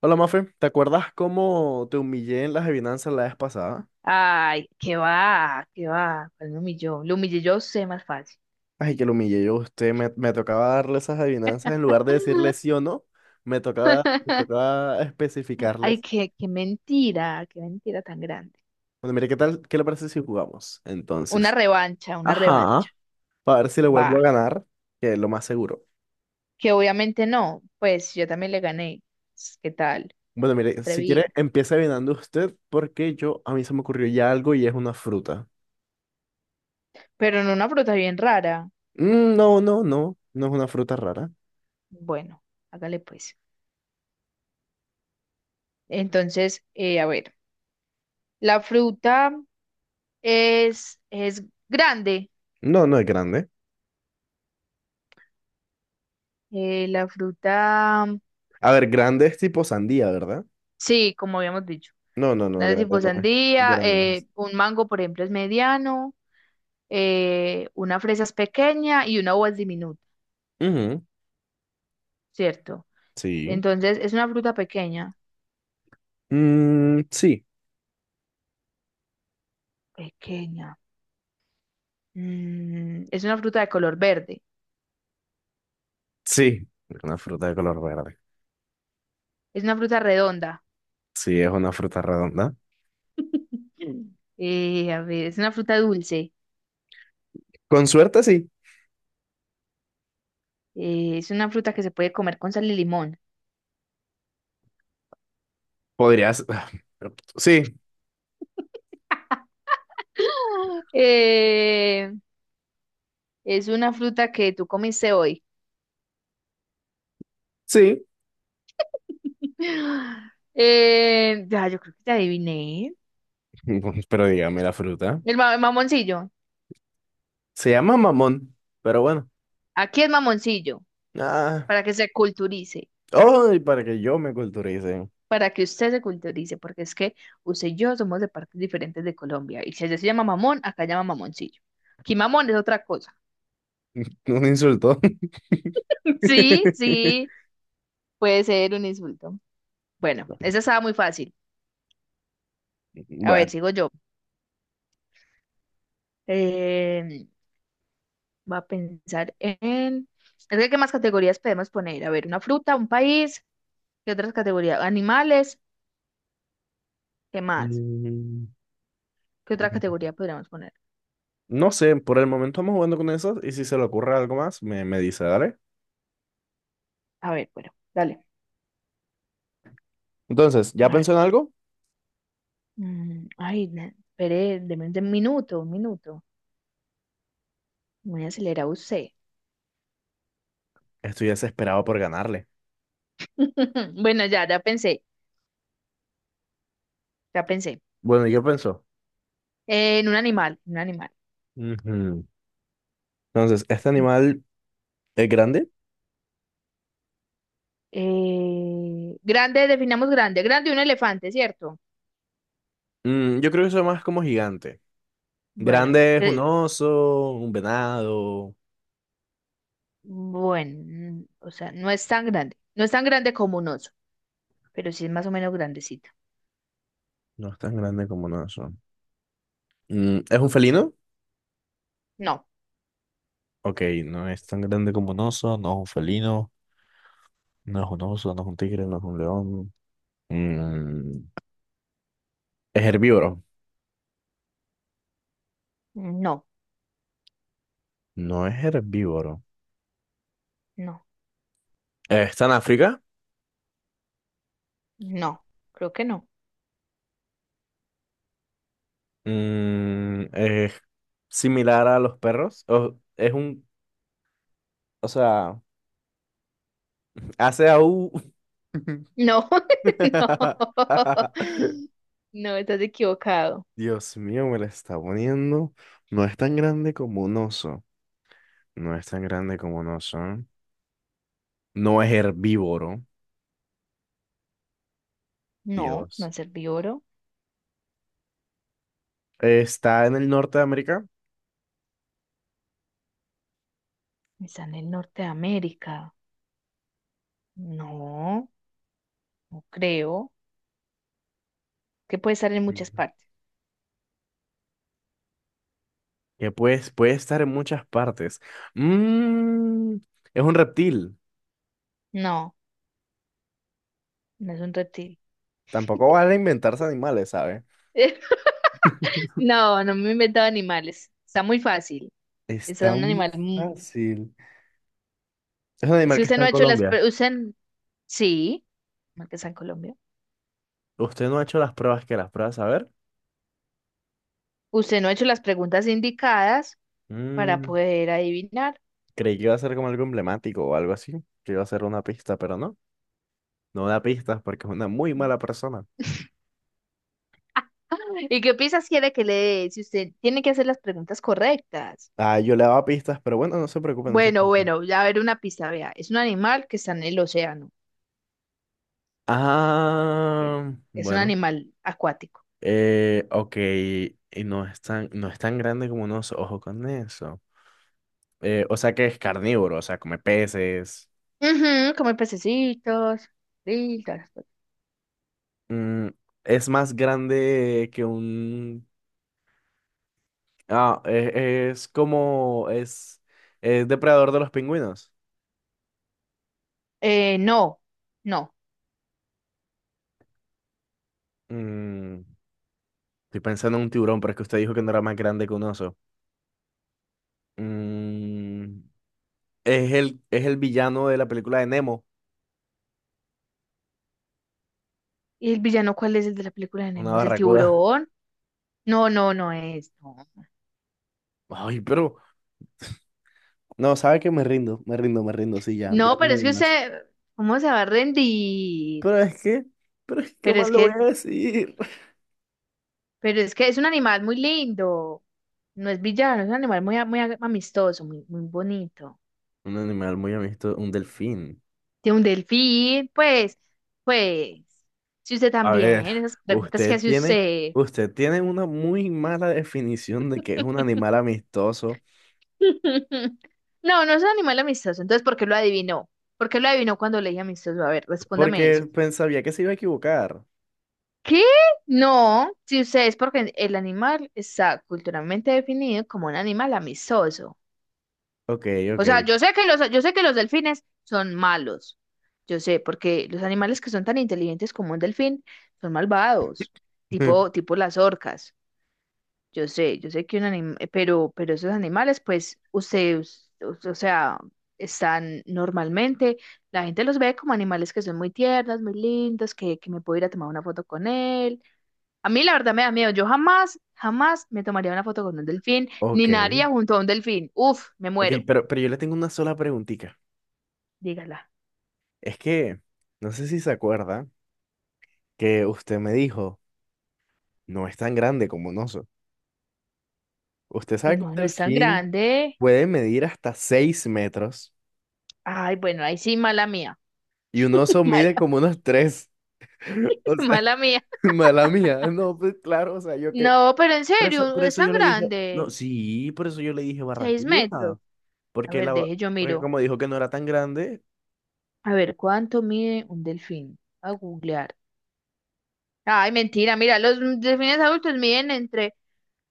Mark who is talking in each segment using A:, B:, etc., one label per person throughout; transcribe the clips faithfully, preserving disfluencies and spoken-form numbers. A: Hola Mafe, ¿te acuerdas cómo te humillé en las adivinanzas la vez pasada?
B: Ay, qué va, qué va. ¿Cuál me humilló? Lo humillé yo, sé más fácil.
A: Ay, que lo humillé yo a usted, me, me tocaba darle esas adivinanzas en lugar de decirle sí o no, me tocaba, me tocaba
B: Ay,
A: especificarles.
B: qué, qué mentira, qué mentira tan grande.
A: Bueno, mire, ¿qué tal? ¿Qué le parece si jugamos?
B: Una
A: Entonces,
B: revancha, una revancha.
A: ajá, para ver si le
B: Va,
A: vuelvo a ganar, que es lo más seguro.
B: que obviamente no, pues yo también le gané. ¿Qué tal?
A: Bueno, mire, si quiere,
B: Atrevido.
A: empieza adivinando usted, porque yo, a mí se me ocurrió ya algo y es una fruta.
B: Pero en una fruta bien rara.
A: Mm, no, no, no, no es una fruta rara.
B: Bueno, hágale pues. Entonces, eh, a ver, la fruta es, es grande.
A: No, no es grande.
B: Eh, la fruta,
A: A ver, grande es tipo sandía, ¿verdad?
B: sí, como habíamos dicho.
A: No, no, no,
B: Nada
A: grande
B: tipo
A: no es.
B: sandía,
A: Grande no es.
B: eh, un mango, por ejemplo, es mediano, eh, una fresa es pequeña y una uva es diminuta,
A: Ujú.
B: ¿cierto?
A: Sí.
B: Entonces, es una fruta pequeña.
A: Mm, sí,
B: Pequeña. Mm, es una fruta de color verde.
A: sí. Una fruta de color verde.
B: Es una fruta redonda.
A: Sí, es una fruta redonda.
B: Eh, a ver, es una fruta dulce.
A: Con suerte, sí.
B: Eh, es una fruta que se puede comer con sal y limón.
A: Podrías. Sí,
B: Eh, es una fruta que tú comiste hoy.
A: sí.
B: Eh, ya, yo creo que te adiviné.
A: Pero dígame la fruta.
B: El, ma- el mamoncillo.
A: Se llama mamón, pero bueno.
B: Aquí es mamoncillo,
A: Ah.
B: para que se culturice,
A: Ay, para que yo me culturice.
B: para que usted se culturice, porque es que usted y yo somos de partes diferentes de Colombia. Y si allá se llama mamón, acá llama mamoncillo. Aquí mamón es otra cosa.
A: Un insulto.
B: Sí, sí, puede ser un insulto. Bueno, esa estaba muy fácil. A ver,
A: Bueno.
B: sigo yo. Eh, va a pensar en... Es que, ¿qué más categorías podemos poner? A ver, una fruta, un país, ¿qué otras categorías? Animales, ¿qué más?
A: Mm,
B: ¿Qué otra categoría podríamos poner?
A: No sé, por el momento vamos jugando con eso y si se le ocurre algo más, me, me dice, dale.
B: A ver, bueno, dale.
A: Entonces,
B: A
A: ¿ya
B: ver.
A: pensó en algo?
B: Mm, ay, na- espere, deme un minuto, un minuto. Muy acelerado usted.
A: Estoy desesperado por ganarle.
B: Bueno, ya, ya pensé, ya pensé.
A: Bueno, ¿y qué pensó?
B: Eh, en un animal, en un animal.
A: Ujú. Entonces, ¿este animal es grande?
B: Eh, grande, definamos grande. Grande un elefante, ¿cierto?
A: Mm, yo creo que eso es más
B: Eh,
A: como gigante.
B: Bueno,
A: Grande es un
B: gre-
A: oso, un venado.
B: bueno, mm, o sea, no es tan grande. No es tan grande como un oso, pero sí es más o menos grandecito.
A: No es tan grande como un oso. Mm, ¿es un felino?
B: No,
A: Ok, no es tan grande como un oso, no es un felino, no es un oso, no es un tigre, no es un león. Mm, ¿es herbívoro?
B: no,
A: No es herbívoro.
B: no,
A: ¿Está en África?
B: no. Creo que no.
A: Mm, ¿es similar a los perros? ¿O es un, o sea... Hace aú
B: No, no. No, estás equivocado.
A: Dios mío, me la está poniendo. No es tan grande como un oso. No es tan grande como un oso. No es herbívoro.
B: No, no
A: Dios.
B: es herbívoro.
A: Está en el norte de América.
B: Está en el norte de América. No, no creo. Que puede estar en muchas
A: Ujú.
B: partes.
A: Que pues, puede estar en muchas partes. Mm, es un reptil.
B: No, no es un reptil.
A: Tampoco vale inventarse animales, ¿sabe?
B: No, no me he inventado animales. Está muy fácil. Es
A: Está
B: un
A: muy
B: animal. mu-
A: fácil. Es un animal
B: Si
A: que
B: usted
A: está
B: no
A: en
B: ha hecho las...
A: Colombia.
B: pre- Usted... Sí, mal que está en Colombia.
A: Usted no ha hecho las pruebas que las pruebas, a ver.
B: Usted no ha hecho las preguntas indicadas para
A: Mm,
B: poder adivinar.
A: Creí que iba a ser como algo emblemático o algo así, que iba a ser una pista, pero no, no da pistas porque es una muy mala persona.
B: ¿Y qué piensas quiere que le dé? Si usted tiene que hacer las preguntas correctas.
A: Ah, yo le daba pistas, pero bueno, no se preocupen no se
B: Bueno,
A: preocupen.
B: bueno, ya a ver una pista, vea. Es un animal que está en el océano. Que
A: Ah,
B: Es un
A: bueno,
B: animal acuático.
A: eh, ok, y no es tan, no es tan grande como unos ojos con eso. Eh, o sea que es carnívoro, o sea, come peces.
B: Ujú, come pececitos. Sí, todas las cosas.
A: Mm, es más grande que un... Ah, eh, es como... Es, es depredador de los pingüinos.
B: Eh, no, no.
A: Mm. Estoy pensando en un tiburón, pero es que usted dijo que no era más grande que un oso. Mm, es el, es el villano de la película de Nemo,
B: ¿Y el villano cuál es el de la película de
A: una
B: Nemo? ¿Es el
A: barracuda.
B: tiburón? No, no, no es. No,
A: Ay, pero... No, sabe que me rindo, me rindo, me rindo, sí, ya, ya
B: no,
A: no
B: pero
A: hay
B: es que
A: más.
B: usted, ¿cómo se va a rendir?
A: Pero es que, pero es que, ¿qué
B: Pero
A: más
B: es
A: le voy
B: que,
A: a decir?
B: pero es que es un animal muy lindo. No es villano, es un animal muy, a- muy a- amistoso, muy, muy bonito.
A: Un animal muy amistoso, un delfín.
B: De un delfín, pues, pues, si usted
A: A
B: también,
A: ver,
B: esas preguntas que
A: usted
B: hace
A: tiene,
B: usted.
A: usted tiene una muy mala definición de que es un animal amistoso,
B: No, no es un animal amistoso, entonces, ¿por qué lo adivinó? ¿Por qué lo adivinó cuando le dije amistoso? A ver, respóndame eso.
A: porque pensaría que se iba a equivocar.
B: ¿Qué? No, si usted es porque el animal está culturalmente definido como un animal amistoso.
A: Ok,
B: O
A: ok.
B: sea, yo sé que los, yo sé que los delfines son malos. Yo sé, porque los animales que son tan inteligentes como un delfín son malvados, tipo, tipo las orcas. Yo sé, yo sé que un animal, pero, pero esos animales, pues, ustedes, o o sea, están normalmente, la gente los ve como animales que son muy tiernos, muy lindos, que, que me puedo ir a tomar una foto con él. A mí la verdad me da miedo, yo jamás, jamás me tomaría una foto con un delfín, ni
A: Ok,
B: nadaría junto a un delfín. Uf, me
A: ok,
B: muero,
A: pero, pero yo le tengo una sola preguntita.
B: dígala.
A: Es que, no sé si se acuerda que usted me dijo, no es tan grande como un oso. Usted
B: Y
A: sabe que un
B: no, no es tan
A: delfín
B: grande.
A: puede medir hasta seis metros
B: Ay, bueno, ahí sí, mala mía,
A: y un oso mide
B: mala,
A: como unos tres. O sea,
B: mala mía.
A: mala mía. No, pues claro, o sea, yo que...
B: No, pero en
A: Por eso,
B: serio,
A: por
B: es
A: eso
B: tan
A: yo le dije, no,
B: grande,
A: sí, por eso yo le dije
B: seis metros.
A: barracuda.
B: A
A: Porque,
B: ver,
A: la, ba-
B: deje, yo
A: porque
B: miro.
A: como dijo que no era tan grande,
B: A ver, ¿cuánto mide un delfín? A googlear. Ay, mentira, mira, los delfines adultos miden entre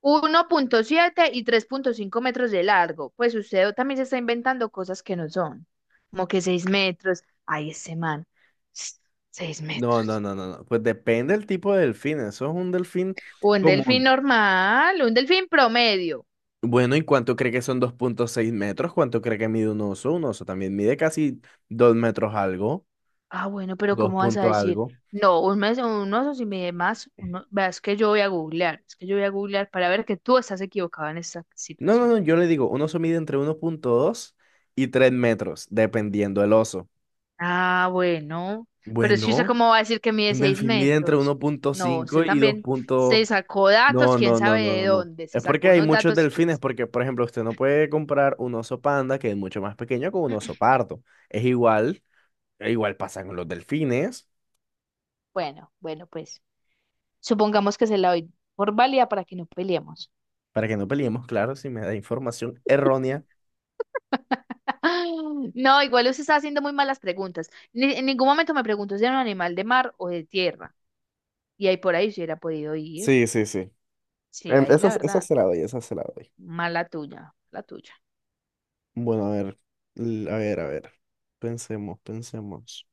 B: uno punto siete y tres punto cinco metros de largo. Pues usted también se está inventando cosas que no son, como que seis metros. Ay, ese man, s- seis
A: no, no,
B: metros.
A: no, no, no. Pues depende del tipo de delfín. Eso es un delfín
B: Un delfín
A: común.
B: normal, un delfín promedio.
A: Bueno, ¿y cuánto cree que son dos punto seis metros? ¿Cuánto cree que mide un oso? Un oso también mide casi dos metros algo,
B: Ah, bueno, pero
A: dos
B: ¿cómo vas a
A: punto
B: decir?
A: algo.
B: No, un, mes, un oso si mide más, uno, vea, es que yo voy a googlear, es que yo voy a googlear para ver que tú estás equivocado en esta
A: No, no,
B: situación.
A: no, yo le digo, un oso mide entre uno punto dos y tres metros, dependiendo del oso.
B: Ah, bueno, pero es que usted
A: Bueno,
B: cómo va a decir que mide
A: un
B: seis
A: delfín mide entre
B: metros.
A: uno punto
B: No,
A: cinco
B: usted
A: y dos
B: también se
A: punto...
B: sacó datos,
A: No,
B: quién
A: no, no,
B: sabe
A: no,
B: de
A: no, no.
B: dónde, se
A: Es
B: sacó
A: porque hay
B: unos
A: muchos
B: datos, quién
A: delfines,
B: sabe.
A: porque, por ejemplo, usted no puede comprar un oso panda, que es mucho más pequeño, con un oso pardo. Es igual, igual pasa con los delfines.
B: Bueno, bueno, pues supongamos que se la doy por válida para que no peleemos.
A: Para que no peleemos, claro, si me da información errónea.
B: No, igual usted está haciendo muy malas preguntas. Ni- en ningún momento me preguntó si era un animal de mar o de tierra. Y ahí por ahí si hubiera podido ir.
A: Sí, sí, sí.
B: Sí,
A: Em,
B: ahí
A: Esa,
B: la
A: esa
B: verdad.
A: se la doy, esa se la doy.
B: Mala tuya, la tuya.
A: Bueno, a ver, l- a ver, a ver. Pensemos, pensemos.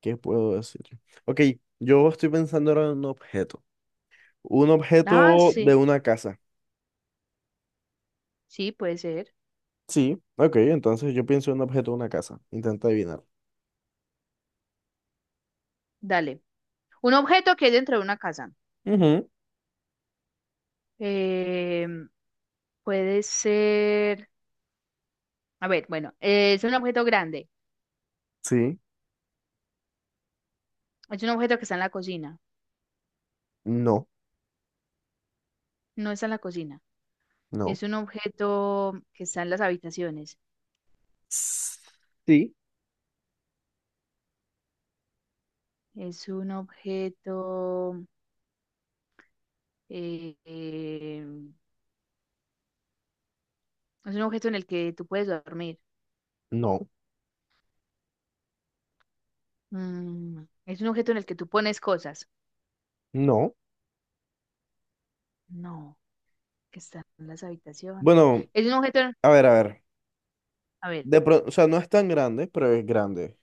A: ¿Qué puedo decir? Ok, yo estoy pensando ahora en un objeto. Un
B: Ah,
A: objeto de
B: sí,
A: una casa.
B: sí, puede ser.
A: Sí, ok, entonces yo pienso en un objeto de una casa. Intenta adivinar.
B: Dale. Un objeto que hay dentro de una casa.
A: Ujú.
B: Eh, Puede ser, a ver, bueno, eh, es un objeto grande,
A: Sí.
B: es un objeto que está en la cocina,
A: No,
B: no está en la cocina,
A: no.
B: es un objeto que está en las habitaciones,
A: S- sí.
B: es un objeto, eh, eh, es un objeto en el que tú puedes dormir.
A: No,
B: Mm, es un objeto en el que tú pones cosas,
A: no.
B: no, que está en las habitaciones,
A: Bueno,
B: es un objeto,
A: a ver, a ver.
B: a ver,
A: De pro- o sea, no es tan grande, pero es grande.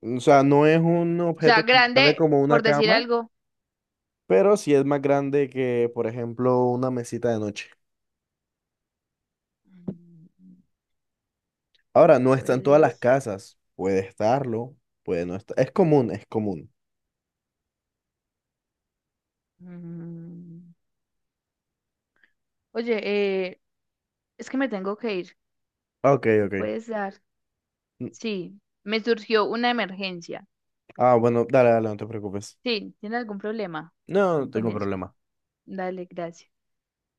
A: O sea, no es un
B: o sea,
A: objeto tan grande
B: grande,
A: como una
B: por decir
A: cama,
B: algo.
A: pero sí es más grande que, por ejemplo, una mesita de noche.
B: Mm,
A: Ahora, no está en todas las
B: puedes.
A: casas. Puede estarlo, puede no estar. Es común, es común.
B: Mm. Oye, eh, es que me tengo que ir.
A: Ok,
B: ¿Me
A: ok.
B: puedes dar?
A: N-
B: Sí, me surgió una emergencia.
A: Ah, bueno, dale, dale, no te preocupes.
B: Sí, ¿tiene algún problema
A: No, no
B: con
A: tengo
B: eso?
A: problema.
B: Dale, gracias.